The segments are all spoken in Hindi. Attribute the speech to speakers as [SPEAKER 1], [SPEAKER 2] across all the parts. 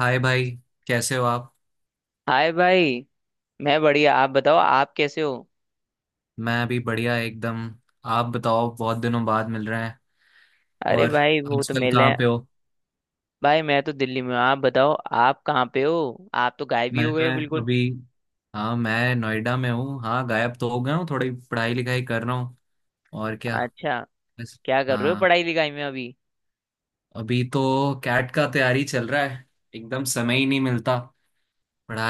[SPEAKER 1] हाय भाई। कैसे हो आप?
[SPEAKER 2] हाय भाई। मैं बढ़िया, आप बताओ आप कैसे हो।
[SPEAKER 1] मैं अभी बढ़िया एकदम। आप बताओ, बहुत दिनों बाद मिल रहे हैं।
[SPEAKER 2] अरे
[SPEAKER 1] और
[SPEAKER 2] भाई वो तो
[SPEAKER 1] आजकल
[SPEAKER 2] मिले
[SPEAKER 1] कहाँ
[SPEAKER 2] हैं।
[SPEAKER 1] पे हो?
[SPEAKER 2] भाई मैं तो दिल्ली में हूँ, आप बताओ आप कहाँ पे हो, आप तो गायब ही
[SPEAKER 1] मैं
[SPEAKER 2] हो गए हो बिल्कुल।
[SPEAKER 1] अभी हाँ, मैं नोएडा में हूँ। हाँ, गायब तो हो गया हूँ, थोड़ी पढ़ाई लिखाई कर रहा हूँ। और क्या,
[SPEAKER 2] अच्छा,
[SPEAKER 1] बस।
[SPEAKER 2] क्या कर रहे हो
[SPEAKER 1] हाँ,
[SPEAKER 2] पढ़ाई लिखाई में अभी।
[SPEAKER 1] अभी तो कैट का तैयारी चल रहा है। एकदम समय ही नहीं मिलता।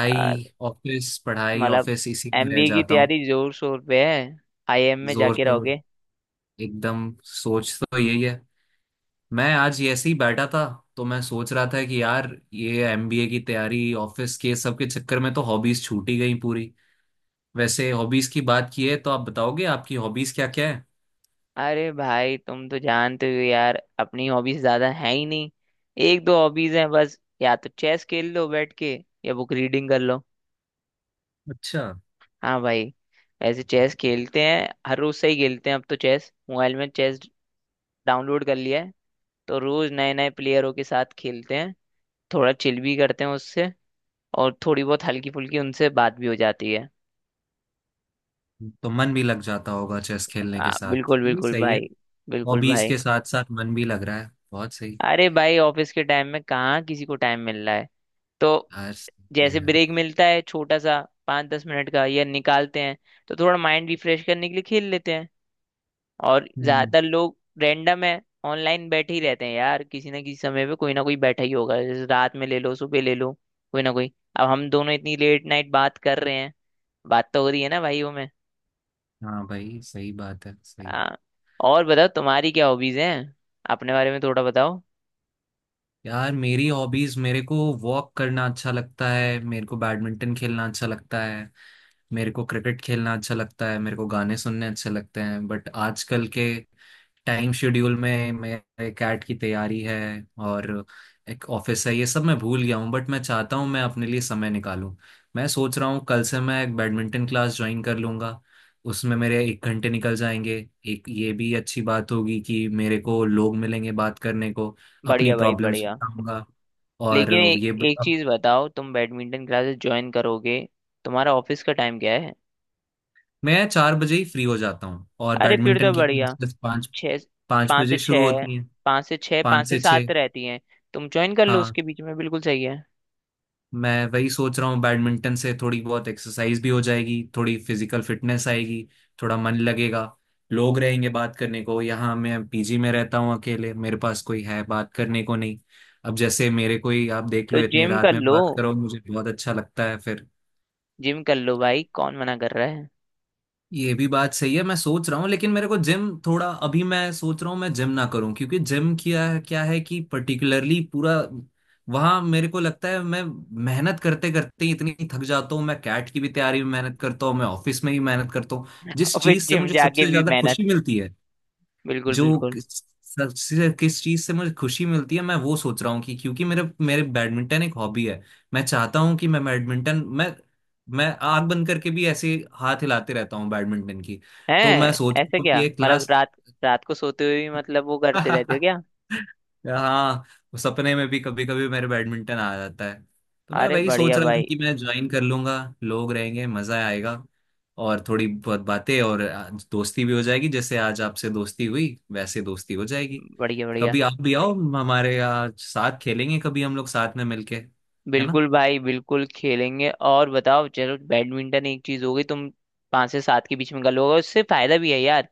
[SPEAKER 2] आ,
[SPEAKER 1] ऑफिस, पढ़ाई
[SPEAKER 2] मतलब
[SPEAKER 1] ऑफिस, इसी में रह
[SPEAKER 2] एमबीए की
[SPEAKER 1] जाता हूँ।
[SPEAKER 2] तैयारी जोर शोर पे है, आईआईएम में
[SPEAKER 1] जोर
[SPEAKER 2] जाके
[SPEAKER 1] तो
[SPEAKER 2] रहोगे।
[SPEAKER 1] एकदम सोच तो यही है। मैं आज ये ऐसे ही बैठा था तो मैं सोच रहा था कि यार, ये एमबीए की तैयारी, ऑफिस के, सब के चक्कर में तो हॉबीज छूट ही गई पूरी। वैसे हॉबीज की बात की है तो आप बताओगे, आपकी हॉबीज क्या क्या है।
[SPEAKER 2] अरे भाई तुम तो जानते हो यार, अपनी हॉबीज ज्यादा है ही नहीं। एक दो हॉबीज हैं बस, या तो चेस खेल लो बैठ के या बुक रीडिंग कर लो।
[SPEAKER 1] अच्छा।
[SPEAKER 2] हाँ भाई, ऐसे चेस खेलते हैं हर रोज से ही खेलते हैं, अब तो चेस मोबाइल में चेस डाउनलोड कर लिया है, तो रोज नए नए प्लेयरों के साथ खेलते हैं। थोड़ा चिल भी करते हैं उससे, और थोड़ी बहुत हल्की फुल्की उनसे बात भी हो जाती है।
[SPEAKER 1] तो मन भी लग जाता होगा चेस खेलने के साथ,
[SPEAKER 2] बिल्कुल
[SPEAKER 1] ये
[SPEAKER 2] बिल्कुल
[SPEAKER 1] सही है।
[SPEAKER 2] भाई, बिल्कुल
[SPEAKER 1] हॉबीज
[SPEAKER 2] भाई।
[SPEAKER 1] के साथ साथ मन भी लग रहा है, बहुत सही।
[SPEAKER 2] अरे भाई ऑफिस के टाइम में कहाँ किसी को टाइम मिल रहा है, तो
[SPEAKER 1] यार सही
[SPEAKER 2] जैसे
[SPEAKER 1] है।
[SPEAKER 2] ब्रेक मिलता है छोटा सा, 5-10 मिनट का या निकालते हैं, तो थोड़ा माइंड रिफ्रेश करने के लिए खेल लेते हैं। और
[SPEAKER 1] हम्म,
[SPEAKER 2] ज्यादातर लोग रैंडम है ऑनलाइन बैठे ही रहते हैं यार, किसी ना किसी समय पे कोई ना कोई बैठा ही होगा, जैसे रात में ले लो सुबह ले लो, कोई ना कोई। अब हम दोनों इतनी लेट नाइट बात कर रहे हैं, बात तो हो रही है ना भाइयों में।
[SPEAKER 1] हाँ भाई, सही बात है, सही।
[SPEAKER 2] हाँ। और बताओ तुम्हारी क्या हॉबीज हैं, अपने बारे में थोड़ा बताओ।
[SPEAKER 1] यार, मेरी हॉबीज, मेरे को वॉक करना अच्छा लगता है, मेरे को बैडमिंटन खेलना अच्छा लगता है, मेरे को क्रिकेट खेलना अच्छा लगता है, मेरे को गाने सुनने अच्छे लगते हैं। बट आजकल के टाइम शेड्यूल में मेरे कैट की तैयारी है और एक ऑफिस है, ये सब मैं भूल गया हूँ। बट मैं चाहता हूँ मैं अपने लिए समय निकालूं। मैं सोच रहा हूँ कल से मैं एक बैडमिंटन क्लास ज्वाइन कर लूंगा, उसमें मेरे एक घंटे निकल जाएंगे। एक ये भी अच्छी बात होगी कि मेरे को लोग मिलेंगे बात करने को, अपनी
[SPEAKER 2] बढ़िया भाई
[SPEAKER 1] प्रॉब्लम्स
[SPEAKER 2] बढ़िया।
[SPEAKER 1] बताऊंगा। और
[SPEAKER 2] लेकिन एक
[SPEAKER 1] ये ब-
[SPEAKER 2] एक चीज बताओ, तुम बैडमिंटन क्लासेस ज्वाइन करोगे, तुम्हारा ऑफिस का टाइम क्या है।
[SPEAKER 1] मैं 4 बजे ही फ्री हो जाता हूँ, और
[SPEAKER 2] अरे फिर तो
[SPEAKER 1] बैडमिंटन की
[SPEAKER 2] बढ़िया।
[SPEAKER 1] क्लासेस पाँच
[SPEAKER 2] छः,
[SPEAKER 1] पाँच
[SPEAKER 2] पाँच
[SPEAKER 1] बजे
[SPEAKER 2] से
[SPEAKER 1] शुरू
[SPEAKER 2] छः
[SPEAKER 1] होती हैं।
[SPEAKER 2] 5 से 6
[SPEAKER 1] पाँच
[SPEAKER 2] पाँच से
[SPEAKER 1] से छः
[SPEAKER 2] सात रहती हैं। तुम ज्वाइन कर लो
[SPEAKER 1] हाँ,
[SPEAKER 2] उसके बीच में, बिल्कुल सही है।
[SPEAKER 1] मैं वही सोच रहा हूँ, बैडमिंटन से थोड़ी बहुत एक्सरसाइज भी हो जाएगी, थोड़ी फिजिकल फिटनेस आएगी, थोड़ा मन लगेगा, लोग रहेंगे बात करने को। यहाँ मैं पीजी में रहता हूँ अकेले, मेरे पास कोई है बात करने को नहीं। अब जैसे मेरे, कोई आप देख
[SPEAKER 2] तो
[SPEAKER 1] लो, इतनी
[SPEAKER 2] जिम
[SPEAKER 1] रात
[SPEAKER 2] कर
[SPEAKER 1] में
[SPEAKER 2] लो,
[SPEAKER 1] बात करो मुझे बहुत अच्छा लगता है फिर।
[SPEAKER 2] जिम कर लो भाई, कौन मना कर रहा है।
[SPEAKER 1] ये भी बात सही है, मैं सोच रहा हूँ। लेकिन मेरे को जिम थोड़ा, अभी मैं सोच रहा हूँ मैं जिम ना करूँ, क्योंकि जिम किया क्या है कि पर्टिकुलरली पूरा वहाँ मेरे को लगता है मैं मेहनत करते करते ही इतनी थक जाता हूँ। मैं कैट की भी तैयारी में मेहनत करता हूँ, मैं ऑफिस में भी मेहनत करता हूँ। जिस
[SPEAKER 2] और फिर
[SPEAKER 1] चीज से
[SPEAKER 2] जिम
[SPEAKER 1] मुझे
[SPEAKER 2] जाके
[SPEAKER 1] सबसे
[SPEAKER 2] भी
[SPEAKER 1] ज्यादा
[SPEAKER 2] मेहनत,
[SPEAKER 1] खुशी मिलती है,
[SPEAKER 2] बिल्कुल
[SPEAKER 1] जो
[SPEAKER 2] बिल्कुल
[SPEAKER 1] किस- सबसे किस चीज से मुझे खुशी मिलती है मैं वो सोच रहा हूँ। कि क्योंकि मेरे मेरे बैडमिंटन एक हॉबी है, मैं चाहता हूँ कि मैं बैडमिंटन मैं आग बंद करके भी ऐसे हाथ हिलाते रहता हूँ बैडमिंटन की।
[SPEAKER 2] है।
[SPEAKER 1] तो मैं सोच
[SPEAKER 2] ऐसा
[SPEAKER 1] रहा हूँ कि
[SPEAKER 2] क्या
[SPEAKER 1] एक
[SPEAKER 2] मतलब,
[SPEAKER 1] क्लास।
[SPEAKER 2] रात रात को सोते हुए भी मतलब वो करते रहते हो क्या।
[SPEAKER 1] हाँ, सपने में भी कभी कभी मेरे बैडमिंटन आ जाता है। तो मैं
[SPEAKER 2] अरे
[SPEAKER 1] वही सोच
[SPEAKER 2] बढ़िया
[SPEAKER 1] रहा था
[SPEAKER 2] भाई,
[SPEAKER 1] कि मैं ज्वाइन कर लूंगा, लोग रहेंगे, मजा आएगा। और थोड़ी बहुत बातें और आज दोस्ती भी हो जाएगी, जैसे आज आपसे दोस्ती हुई वैसे दोस्ती हो जाएगी।
[SPEAKER 2] बढ़िया बढ़िया।
[SPEAKER 1] कभी आप भी आओ, हमारे यहाँ साथ खेलेंगे, कभी हम लोग साथ में मिलके, है ना।
[SPEAKER 2] बिल्कुल भाई बिल्कुल खेलेंगे, और बताओ चलो बैडमिंटन एक चीज हो गई, तुम 5 से 7 के बीच में कर लोगे, उससे फायदा भी है यार।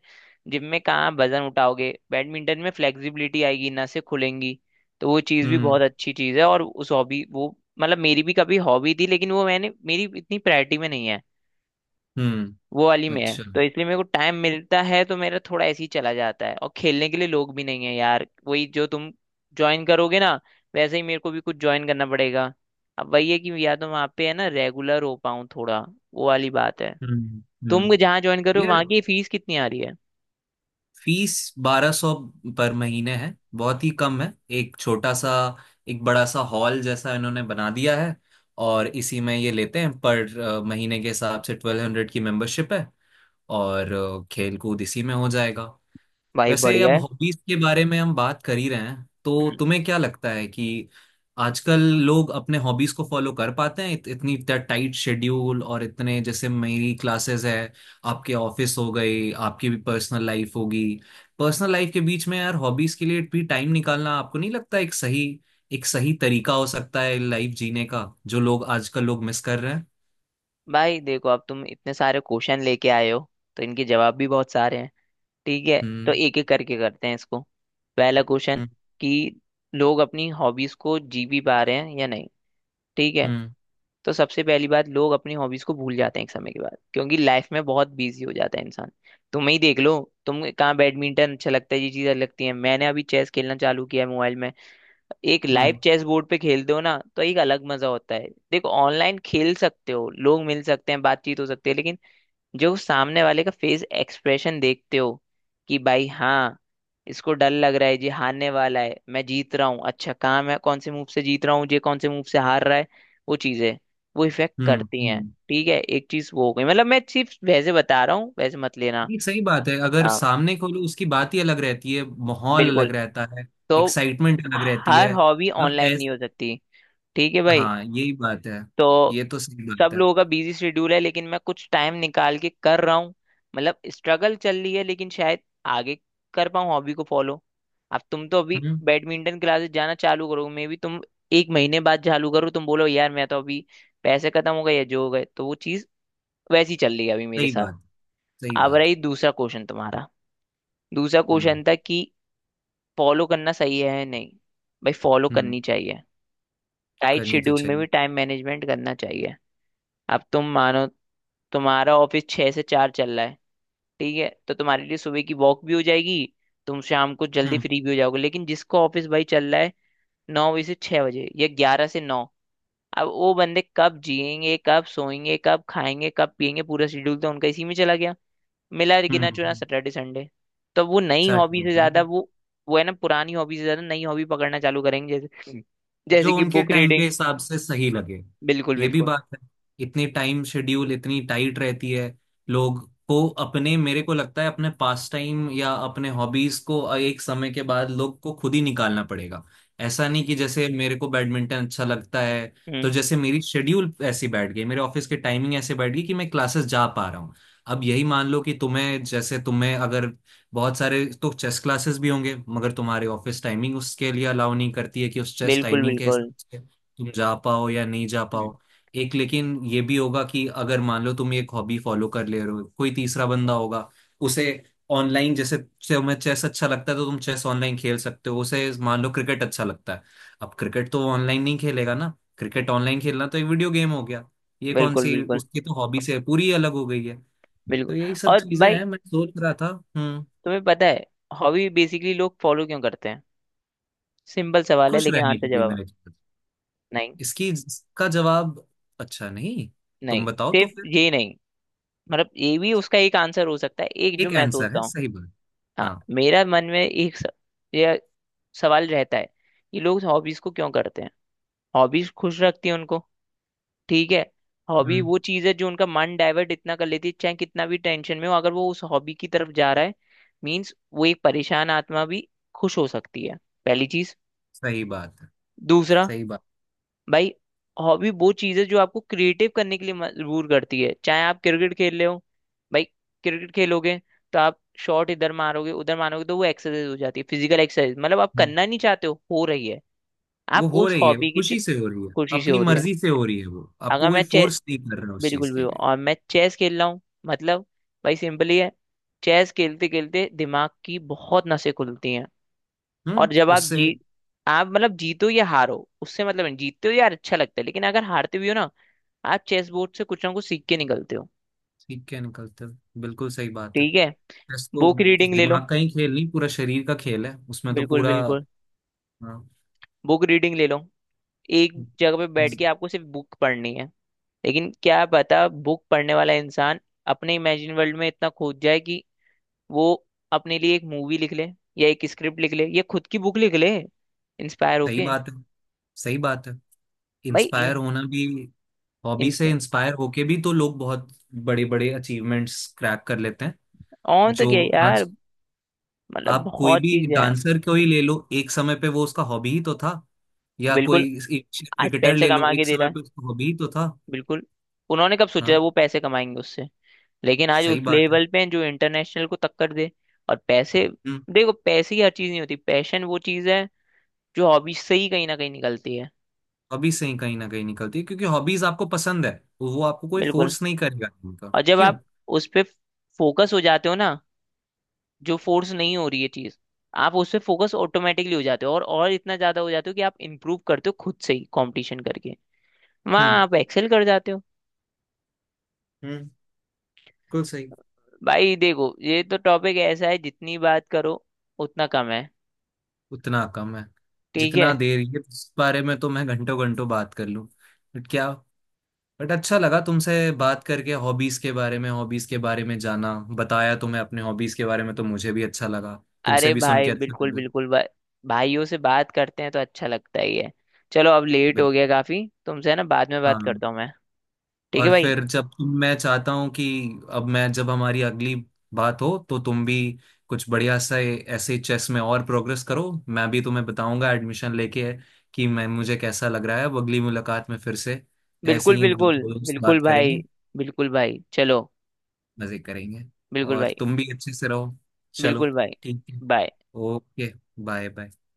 [SPEAKER 2] जिम में कहाँ वजन उठाओगे, बैडमिंटन में फ्लेक्सिबिलिटी आएगी, नसें खुलेंगी। तो वो चीज़ भी
[SPEAKER 1] हम्म,
[SPEAKER 2] बहुत अच्छी चीज़ है, और उस हॉबी वो मतलब मेरी भी कभी हॉबी थी, लेकिन वो मैंने मेरी इतनी प्रायोरिटी में नहीं है।
[SPEAKER 1] हम्म।
[SPEAKER 2] वो वाली में है
[SPEAKER 1] अच्छा।
[SPEAKER 2] तो इसलिए, मेरे को टाइम मिलता है तो मेरा थोड़ा ऐसे ही चला जाता है, और खेलने के लिए लोग भी नहीं है यार। वही जो तुम ज्वाइन करोगे ना, वैसे ही मेरे को भी कुछ ज्वाइन करना पड़ेगा। अब वही है कि या तो वहाँ पे है ना, रेगुलर हो पाऊँ थोड़ा, वो वाली बात है।
[SPEAKER 1] हम्म,
[SPEAKER 2] तुम
[SPEAKER 1] हम्म।
[SPEAKER 2] जहाँ ज्वाइन करो
[SPEAKER 1] यार,
[SPEAKER 2] वहाँ की फीस कितनी आ रही है।
[SPEAKER 1] फीस 1200 पर महीने है, बहुत ही कम है। एक छोटा सा, एक बड़ा सा हॉल जैसा इन्होंने बना दिया है और इसी में ये लेते हैं। पर महीने के हिसाब से 1200 की मेंबरशिप है। और खेल कूद इसी में हो जाएगा।
[SPEAKER 2] भाई
[SPEAKER 1] वैसे
[SPEAKER 2] बढ़िया
[SPEAKER 1] अब
[SPEAKER 2] है।
[SPEAKER 1] हॉबीज के बारे में हम बात कर ही रहे हैं तो
[SPEAKER 2] हम्म।
[SPEAKER 1] तुम्हें क्या लगता है कि आजकल लोग अपने हॉबीज को फॉलो कर पाते हैं? इतनी टाइट शेड्यूल और इतने, जैसे मेरी क्लासेस है, आपके ऑफिस हो गई, आपकी भी पर्सनल लाइफ होगी, पर्सनल लाइफ के बीच में यार हॉबीज के लिए भी टाइम निकालना, आपको नहीं लगता एक सही, एक सही तरीका हो सकता है लाइफ जीने का, जो लोग आजकल लोग मिस कर रहे हैं?
[SPEAKER 2] भाई देखो, अब तुम इतने सारे क्वेश्चन लेके आए हो, तो इनके जवाब भी बहुत सारे हैं। ठीक है, तो
[SPEAKER 1] हम्म,
[SPEAKER 2] एक एक करके करते हैं इसको। पहला क्वेश्चन
[SPEAKER 1] हम्म।
[SPEAKER 2] कि लोग अपनी हॉबीज को जी भी पा रहे हैं या नहीं। ठीक है।
[SPEAKER 1] हम्म,
[SPEAKER 2] तो सबसे पहली बात, लोग अपनी हॉबीज को भूल जाते हैं एक समय के बाद, क्योंकि लाइफ में बहुत बिजी हो जाता है इंसान। तुम ही देख लो, तुम कहाँ बैडमिंटन अच्छा लगता है, ये चीजें लगती हैं। मैंने अभी चेस खेलना चालू किया है मोबाइल में। एक लाइव
[SPEAKER 1] हम्म।
[SPEAKER 2] चेस बोर्ड पे खेलते हो ना तो एक अलग मजा होता है। देखो ऑनलाइन खेल सकते हो, लोग मिल सकते हैं, बातचीत हो सकती है, लेकिन जो सामने वाले का फेस एक्सप्रेशन देखते हो, कि भाई हाँ, इसको डर लग रहा है, ये हारने वाला है, मैं जीत रहा हूँ, अच्छा कहाँ मैं कौन से मूव से जीत रहा हूँ, ये कौन से मूव से हार रहा है, वो चीजें वो इफेक्ट
[SPEAKER 1] हम्म,
[SPEAKER 2] करती हैं।
[SPEAKER 1] हम्म।
[SPEAKER 2] ठीक है, एक चीज वो हो गई, मतलब मैं सिर्फ वैसे बता रहा हूँ, वैसे मत लेना।
[SPEAKER 1] नहीं, सही बात है। अगर
[SPEAKER 2] हाँ
[SPEAKER 1] सामने खोलो, उसकी बात ही अलग रहती है, माहौल अलग
[SPEAKER 2] बिल्कुल।
[SPEAKER 1] रहता है,
[SPEAKER 2] तो
[SPEAKER 1] एक्साइटमेंट अलग रहती
[SPEAKER 2] हर
[SPEAKER 1] है।
[SPEAKER 2] हॉबी
[SPEAKER 1] अब
[SPEAKER 2] ऑनलाइन
[SPEAKER 1] ऐस
[SPEAKER 2] नहीं हो सकती। ठीक है भाई।
[SPEAKER 1] हाँ, यही बात है।
[SPEAKER 2] तो
[SPEAKER 1] ये तो सही बात
[SPEAKER 2] सब
[SPEAKER 1] है।
[SPEAKER 2] लोगों का बिजी शेड्यूल है, लेकिन मैं कुछ टाइम निकाल के कर रहा हूँ, मतलब स्ट्रगल चल रही है, लेकिन शायद आगे कर पाऊँ हॉबी को फॉलो। अब तुम तो अभी
[SPEAKER 1] हम्म।
[SPEAKER 2] बैडमिंटन क्लासेस जाना चालू करो, मे भी तुम 1 महीने बाद चालू करो, तुम बोलो यार मैं तो अभी पैसे खत्म हो गए या जो हो गए, तो वो चीज़ वैसी चल रही है अभी मेरे
[SPEAKER 1] सही
[SPEAKER 2] साथ।
[SPEAKER 1] बात, सही
[SPEAKER 2] अब
[SPEAKER 1] बात।
[SPEAKER 2] रही दूसरा क्वेश्चन तुम्हारा, दूसरा
[SPEAKER 1] हम्म,
[SPEAKER 2] क्वेश्चन था कि फॉलो करना सही है या नहीं। भाई फॉलो
[SPEAKER 1] हम्म।
[SPEAKER 2] करनी चाहिए, टाइट
[SPEAKER 1] करनी तो
[SPEAKER 2] शेड्यूल में
[SPEAKER 1] चाहिए।
[SPEAKER 2] भी टाइम मैनेजमेंट करना चाहिए। अब तुम मानो तुम्हारा ऑफिस 6 से 4 चल रहा है, ठीक है, तो तुम्हारे लिए सुबह की वॉक भी हो जाएगी, तुम शाम को जल्दी
[SPEAKER 1] हम्म,
[SPEAKER 2] फ्री भी हो जाओगे। लेकिन जिसका ऑफिस भाई चल रहा है 9 बजे से 6 बजे, या 11 से 9, अब वो बंदे कब जिएंगे, कब सोएंगे, कब खाएंगे, कब पिएंगे, पूरा शेड्यूल तो उनका इसी में चला गया, मिला
[SPEAKER 1] हम्म।
[SPEAKER 2] गिना चुना
[SPEAKER 1] हम्म।
[SPEAKER 2] Saturday Sunday. तो वो नई
[SPEAKER 1] साठ।
[SPEAKER 2] हॉबी से ज्यादा वो है ना, पुरानी हॉबी से ज्यादा नई हॉबी पकड़ना चालू करेंगे, जैसे जैसे
[SPEAKER 1] जो
[SPEAKER 2] कि
[SPEAKER 1] उनके
[SPEAKER 2] बुक
[SPEAKER 1] टाइम के
[SPEAKER 2] रीडिंग।
[SPEAKER 1] हिसाब से सही लगे।
[SPEAKER 2] बिल्कुल
[SPEAKER 1] ये भी
[SPEAKER 2] बिल्कुल।
[SPEAKER 1] बात है। इतनी टाइम शेड्यूल इतनी टाइट रहती है, लोग को अपने, मेरे को लगता है अपने पास टाइम या अपने हॉबीज को एक समय के बाद लोग को खुद ही निकालना पड़ेगा। ऐसा नहीं कि जैसे मेरे को बैडमिंटन अच्छा लगता है तो
[SPEAKER 2] हम्म,
[SPEAKER 1] जैसे मेरी शेड्यूल ऐसी बैठ गई, मेरे ऑफिस की टाइमिंग ऐसे बैठ गई कि मैं क्लासेस जा पा रहा हूँ। अब यही मान लो कि तुम्हें, जैसे तुम्हें अगर बहुत सारे तो चेस क्लासेस भी होंगे, मगर तुम्हारे ऑफिस टाइमिंग उसके लिए अलाउ नहीं करती है कि उस चेस
[SPEAKER 2] बिल्कुल
[SPEAKER 1] टाइमिंग के हिसाब
[SPEAKER 2] बिल्कुल
[SPEAKER 1] से तुम जा पाओ या नहीं जा पाओ। एक लेकिन ये भी होगा कि अगर मान लो तुम एक हॉबी फॉलो कर ले रहे हो, कोई तीसरा बंदा होगा उसे, ऑनलाइन, जैसे तुम्हें चेस अच्छा लगता है तो तुम चेस ऑनलाइन खेल सकते हो, उसे मान लो क्रिकेट अच्छा लगता है, अब क्रिकेट तो ऑनलाइन नहीं खेलेगा ना। क्रिकेट ऑनलाइन खेलना तो एक वीडियो गेम हो गया। ये कौन
[SPEAKER 2] बिल्कुल
[SPEAKER 1] सी,
[SPEAKER 2] बिल्कुल
[SPEAKER 1] उसकी तो हॉबी से पूरी अलग हो गई है।
[SPEAKER 2] बिल्कुल।
[SPEAKER 1] तो यही सब
[SPEAKER 2] और
[SPEAKER 1] चीजें
[SPEAKER 2] भाई
[SPEAKER 1] हैं मैं सोच रहा था। हम्म।
[SPEAKER 2] तुम्हें पता है, हॉबी बेसिकली लोग फॉलो क्यों करते हैं, सिंपल सवाल है,
[SPEAKER 1] खुश
[SPEAKER 2] लेकिन
[SPEAKER 1] रहने के
[SPEAKER 2] आंसर
[SPEAKER 1] लिए
[SPEAKER 2] जवाब है,
[SPEAKER 1] मैंने किया।
[SPEAKER 2] नहीं।
[SPEAKER 1] इसकी इसका जवाब। अच्छा, नहीं, तुम
[SPEAKER 2] नहीं
[SPEAKER 1] बताओ तो
[SPEAKER 2] सिर्फ
[SPEAKER 1] फिर।
[SPEAKER 2] ये नहीं, मतलब ये भी उसका एक आंसर हो सकता है, एक जो
[SPEAKER 1] एक
[SPEAKER 2] मैं
[SPEAKER 1] आंसर
[SPEAKER 2] सोचता
[SPEAKER 1] है,
[SPEAKER 2] हूँ।
[SPEAKER 1] सही बात।
[SPEAKER 2] हाँ
[SPEAKER 1] हाँ।
[SPEAKER 2] मेरा मन में एक ये सवाल रहता है कि लोग हॉबीज को क्यों करते हैं। हॉबीज खुश रखती है उनको, ठीक है। हॉबी
[SPEAKER 1] हम्म।
[SPEAKER 2] वो चीज है जो उनका मन डाइवर्ट इतना कर लेती है, चाहे कितना भी टेंशन में हो, अगर वो उस हॉबी की तरफ जा रहा है, मीन्स वो एक परेशान आत्मा भी खुश हो सकती है, पहली चीज।
[SPEAKER 1] सही बात है,
[SPEAKER 2] दूसरा,
[SPEAKER 1] सही बात।
[SPEAKER 2] भाई हॉबी वो चीज है जो आपको क्रिएटिव करने के लिए मजबूर करती है। चाहे आप क्रिकेट खेल रहे हो, भाई क्रिकेट खेलोगे तो आप शॉट इधर मारोगे उधर मारोगे, तो वो एक्सरसाइज हो जाती है, फिजिकल एक्सरसाइज, मतलब आप
[SPEAKER 1] हम्म।
[SPEAKER 2] करना नहीं चाहते हो रही है।
[SPEAKER 1] वो
[SPEAKER 2] आप
[SPEAKER 1] हो
[SPEAKER 2] उस
[SPEAKER 1] रही है,
[SPEAKER 2] हॉबी की
[SPEAKER 1] खुशी से हो रही है,
[SPEAKER 2] खुशी से
[SPEAKER 1] अपनी
[SPEAKER 2] हो रही है।
[SPEAKER 1] मर्जी से हो रही है, वो आपको
[SPEAKER 2] अगर मैं
[SPEAKER 1] कोई
[SPEAKER 2] चेस
[SPEAKER 1] फोर्स नहीं कर रहा उस चीज
[SPEAKER 2] बिल्कुल भी,
[SPEAKER 1] के लिए।
[SPEAKER 2] और मैं चेस खेल रहा हूँ, मतलब भाई सिंपली है, चेस खेलते खेलते दिमाग की बहुत नसें खुलती हैं।
[SPEAKER 1] हम्म।
[SPEAKER 2] और जब आप
[SPEAKER 1] उससे
[SPEAKER 2] जीत, आप मतलब जीतो या हारो, उससे मतलब नहीं, जीतते हो यार अच्छा लगता है, लेकिन अगर हारते भी हो ना, आप चेस बोर्ड से कुछ ना कुछ सीख के निकलते हो,
[SPEAKER 1] सीख के निकलते हो, बिल्कुल सही बात है।
[SPEAKER 2] ठीक है।
[SPEAKER 1] चेस तो
[SPEAKER 2] बुक रीडिंग ले लो,
[SPEAKER 1] दिमाग का ही खेल नहीं, पूरा शरीर का खेल है, उसमें तो
[SPEAKER 2] बिल्कुल
[SPEAKER 1] पूरा।
[SPEAKER 2] बिल्कुल।
[SPEAKER 1] हाँ।
[SPEAKER 2] बुक रीडिंग ले लो, एक जगह पे बैठ के
[SPEAKER 1] हम्म,
[SPEAKER 2] आपको सिर्फ बुक पढ़नी है, लेकिन क्या पता बुक पढ़ने वाला इंसान अपने इमेजिन वर्ल्ड में इतना खोद जाए कि वो अपने लिए एक मूवी लिख ले, या एक स्क्रिप्ट लिख ले, या खुद की बुक लिख ले, इंस्पायर
[SPEAKER 1] सही
[SPEAKER 2] होके।
[SPEAKER 1] बात है, सही बात है।
[SPEAKER 2] भाई
[SPEAKER 1] इंस्पायर होना भी, हॉबी से
[SPEAKER 2] इंस्पायर,
[SPEAKER 1] इंस्पायर होके भी तो लोग बहुत बड़े बड़े अचीवमेंट्स क्रैक कर लेते हैं,
[SPEAKER 2] और तो
[SPEAKER 1] जो
[SPEAKER 2] क्या
[SPEAKER 1] आज।
[SPEAKER 2] यार,
[SPEAKER 1] हम्म।
[SPEAKER 2] मतलब
[SPEAKER 1] आप कोई
[SPEAKER 2] बहुत
[SPEAKER 1] भी
[SPEAKER 2] चीज है।
[SPEAKER 1] डांसर को ही ले लो, एक समय पे वो उसका हॉबी ही तो था। या
[SPEAKER 2] बिल्कुल,
[SPEAKER 1] कोई
[SPEAKER 2] आज
[SPEAKER 1] क्रिकेटर
[SPEAKER 2] पैसे
[SPEAKER 1] ले लो,
[SPEAKER 2] कमा के
[SPEAKER 1] एक
[SPEAKER 2] दे रहा
[SPEAKER 1] समय
[SPEAKER 2] है,
[SPEAKER 1] पे उसका हॉबी ही तो था।
[SPEAKER 2] बिल्कुल। उन्होंने कब सोचा
[SPEAKER 1] हाँ,
[SPEAKER 2] है वो पैसे कमाएंगे उससे, लेकिन आज
[SPEAKER 1] सही
[SPEAKER 2] उस
[SPEAKER 1] बात है।
[SPEAKER 2] लेवल पे हैं जो इंटरनेशनल को टक्कर दे। और पैसे,
[SPEAKER 1] हम्म।
[SPEAKER 2] देखो पैसे ही हर चीज नहीं होती, पैशन वो चीज है जो हॉबी से ही कहीं ना कहीं निकलती है।
[SPEAKER 1] हॉबी से ही कहीं ना कहीं निकलती है, क्योंकि हॉबीज आपको पसंद है, वो आपको कोई
[SPEAKER 2] बिल्कुल,
[SPEAKER 1] फोर्स नहीं करेगा उनका,
[SPEAKER 2] और जब
[SPEAKER 1] क्यों।
[SPEAKER 2] आप उस पे फोकस हो जाते हो ना, जो फोर्स नहीं हो रही है चीज, आप उस पे फोकस ऑटोमेटिकली हो जाते हो, और इतना ज्यादा हो जाते हो कि आप इम्प्रूव करते हो खुद से ही कंपटीशन करके, वहां
[SPEAKER 1] हम्म,
[SPEAKER 2] आप एक्सेल कर जाते हो।
[SPEAKER 1] हम्म। बिल्कुल सही।
[SPEAKER 2] भाई देखो ये तो टॉपिक ऐसा है, जितनी बात करो उतना कम है,
[SPEAKER 1] उतना कम है।
[SPEAKER 2] ठीक है।
[SPEAKER 1] जितना देर, ये इस बारे में तो मैं घंटों घंटों बात कर लूं। बट क्या बट अच्छा लगा तुमसे बात करके, हॉबीज के बारे में, हॉबीज के बारे में जाना, बताया तुम्हें अपने हॉबीज के बारे में तो मुझे भी अच्छा लगा, तुमसे
[SPEAKER 2] अरे
[SPEAKER 1] भी सुन
[SPEAKER 2] भाई
[SPEAKER 1] के अच्छा
[SPEAKER 2] बिल्कुल
[SPEAKER 1] लगा।
[SPEAKER 2] बिल्कुल भाइयों से बात करते हैं तो अच्छा लगता ही है। चलो अब लेट
[SPEAKER 1] बिल-
[SPEAKER 2] हो गया काफी तुमसे, है ना, बाद में बात
[SPEAKER 1] हाँ।
[SPEAKER 2] करता हूँ मैं। ठीक है
[SPEAKER 1] और
[SPEAKER 2] भाई,
[SPEAKER 1] फिर जब तुम, मैं चाहता हूँ कि अब मैं, जब हमारी अगली बात हो तो तुम भी कुछ बढ़िया सा ऐसे चेस में और प्रोग्रेस करो, मैं भी तुम्हें बताऊंगा एडमिशन लेके कि मैं, मुझे कैसा लग रहा है। अब अगली मुलाकात में फिर से ऐसे
[SPEAKER 2] बिल्कुल
[SPEAKER 1] ही
[SPEAKER 2] बिल्कुल
[SPEAKER 1] दोस्त
[SPEAKER 2] बिल्कुल
[SPEAKER 1] बात करेंगे,
[SPEAKER 2] भाई, बिल्कुल भाई चलो,
[SPEAKER 1] मजे करेंगे।
[SPEAKER 2] बिल्कुल
[SPEAKER 1] और
[SPEAKER 2] भाई,
[SPEAKER 1] तुम भी अच्छे से रहो। चलो,
[SPEAKER 2] बिल्कुल भाई।
[SPEAKER 1] ठीक है।
[SPEAKER 2] बाय।
[SPEAKER 1] Okay, bye bye.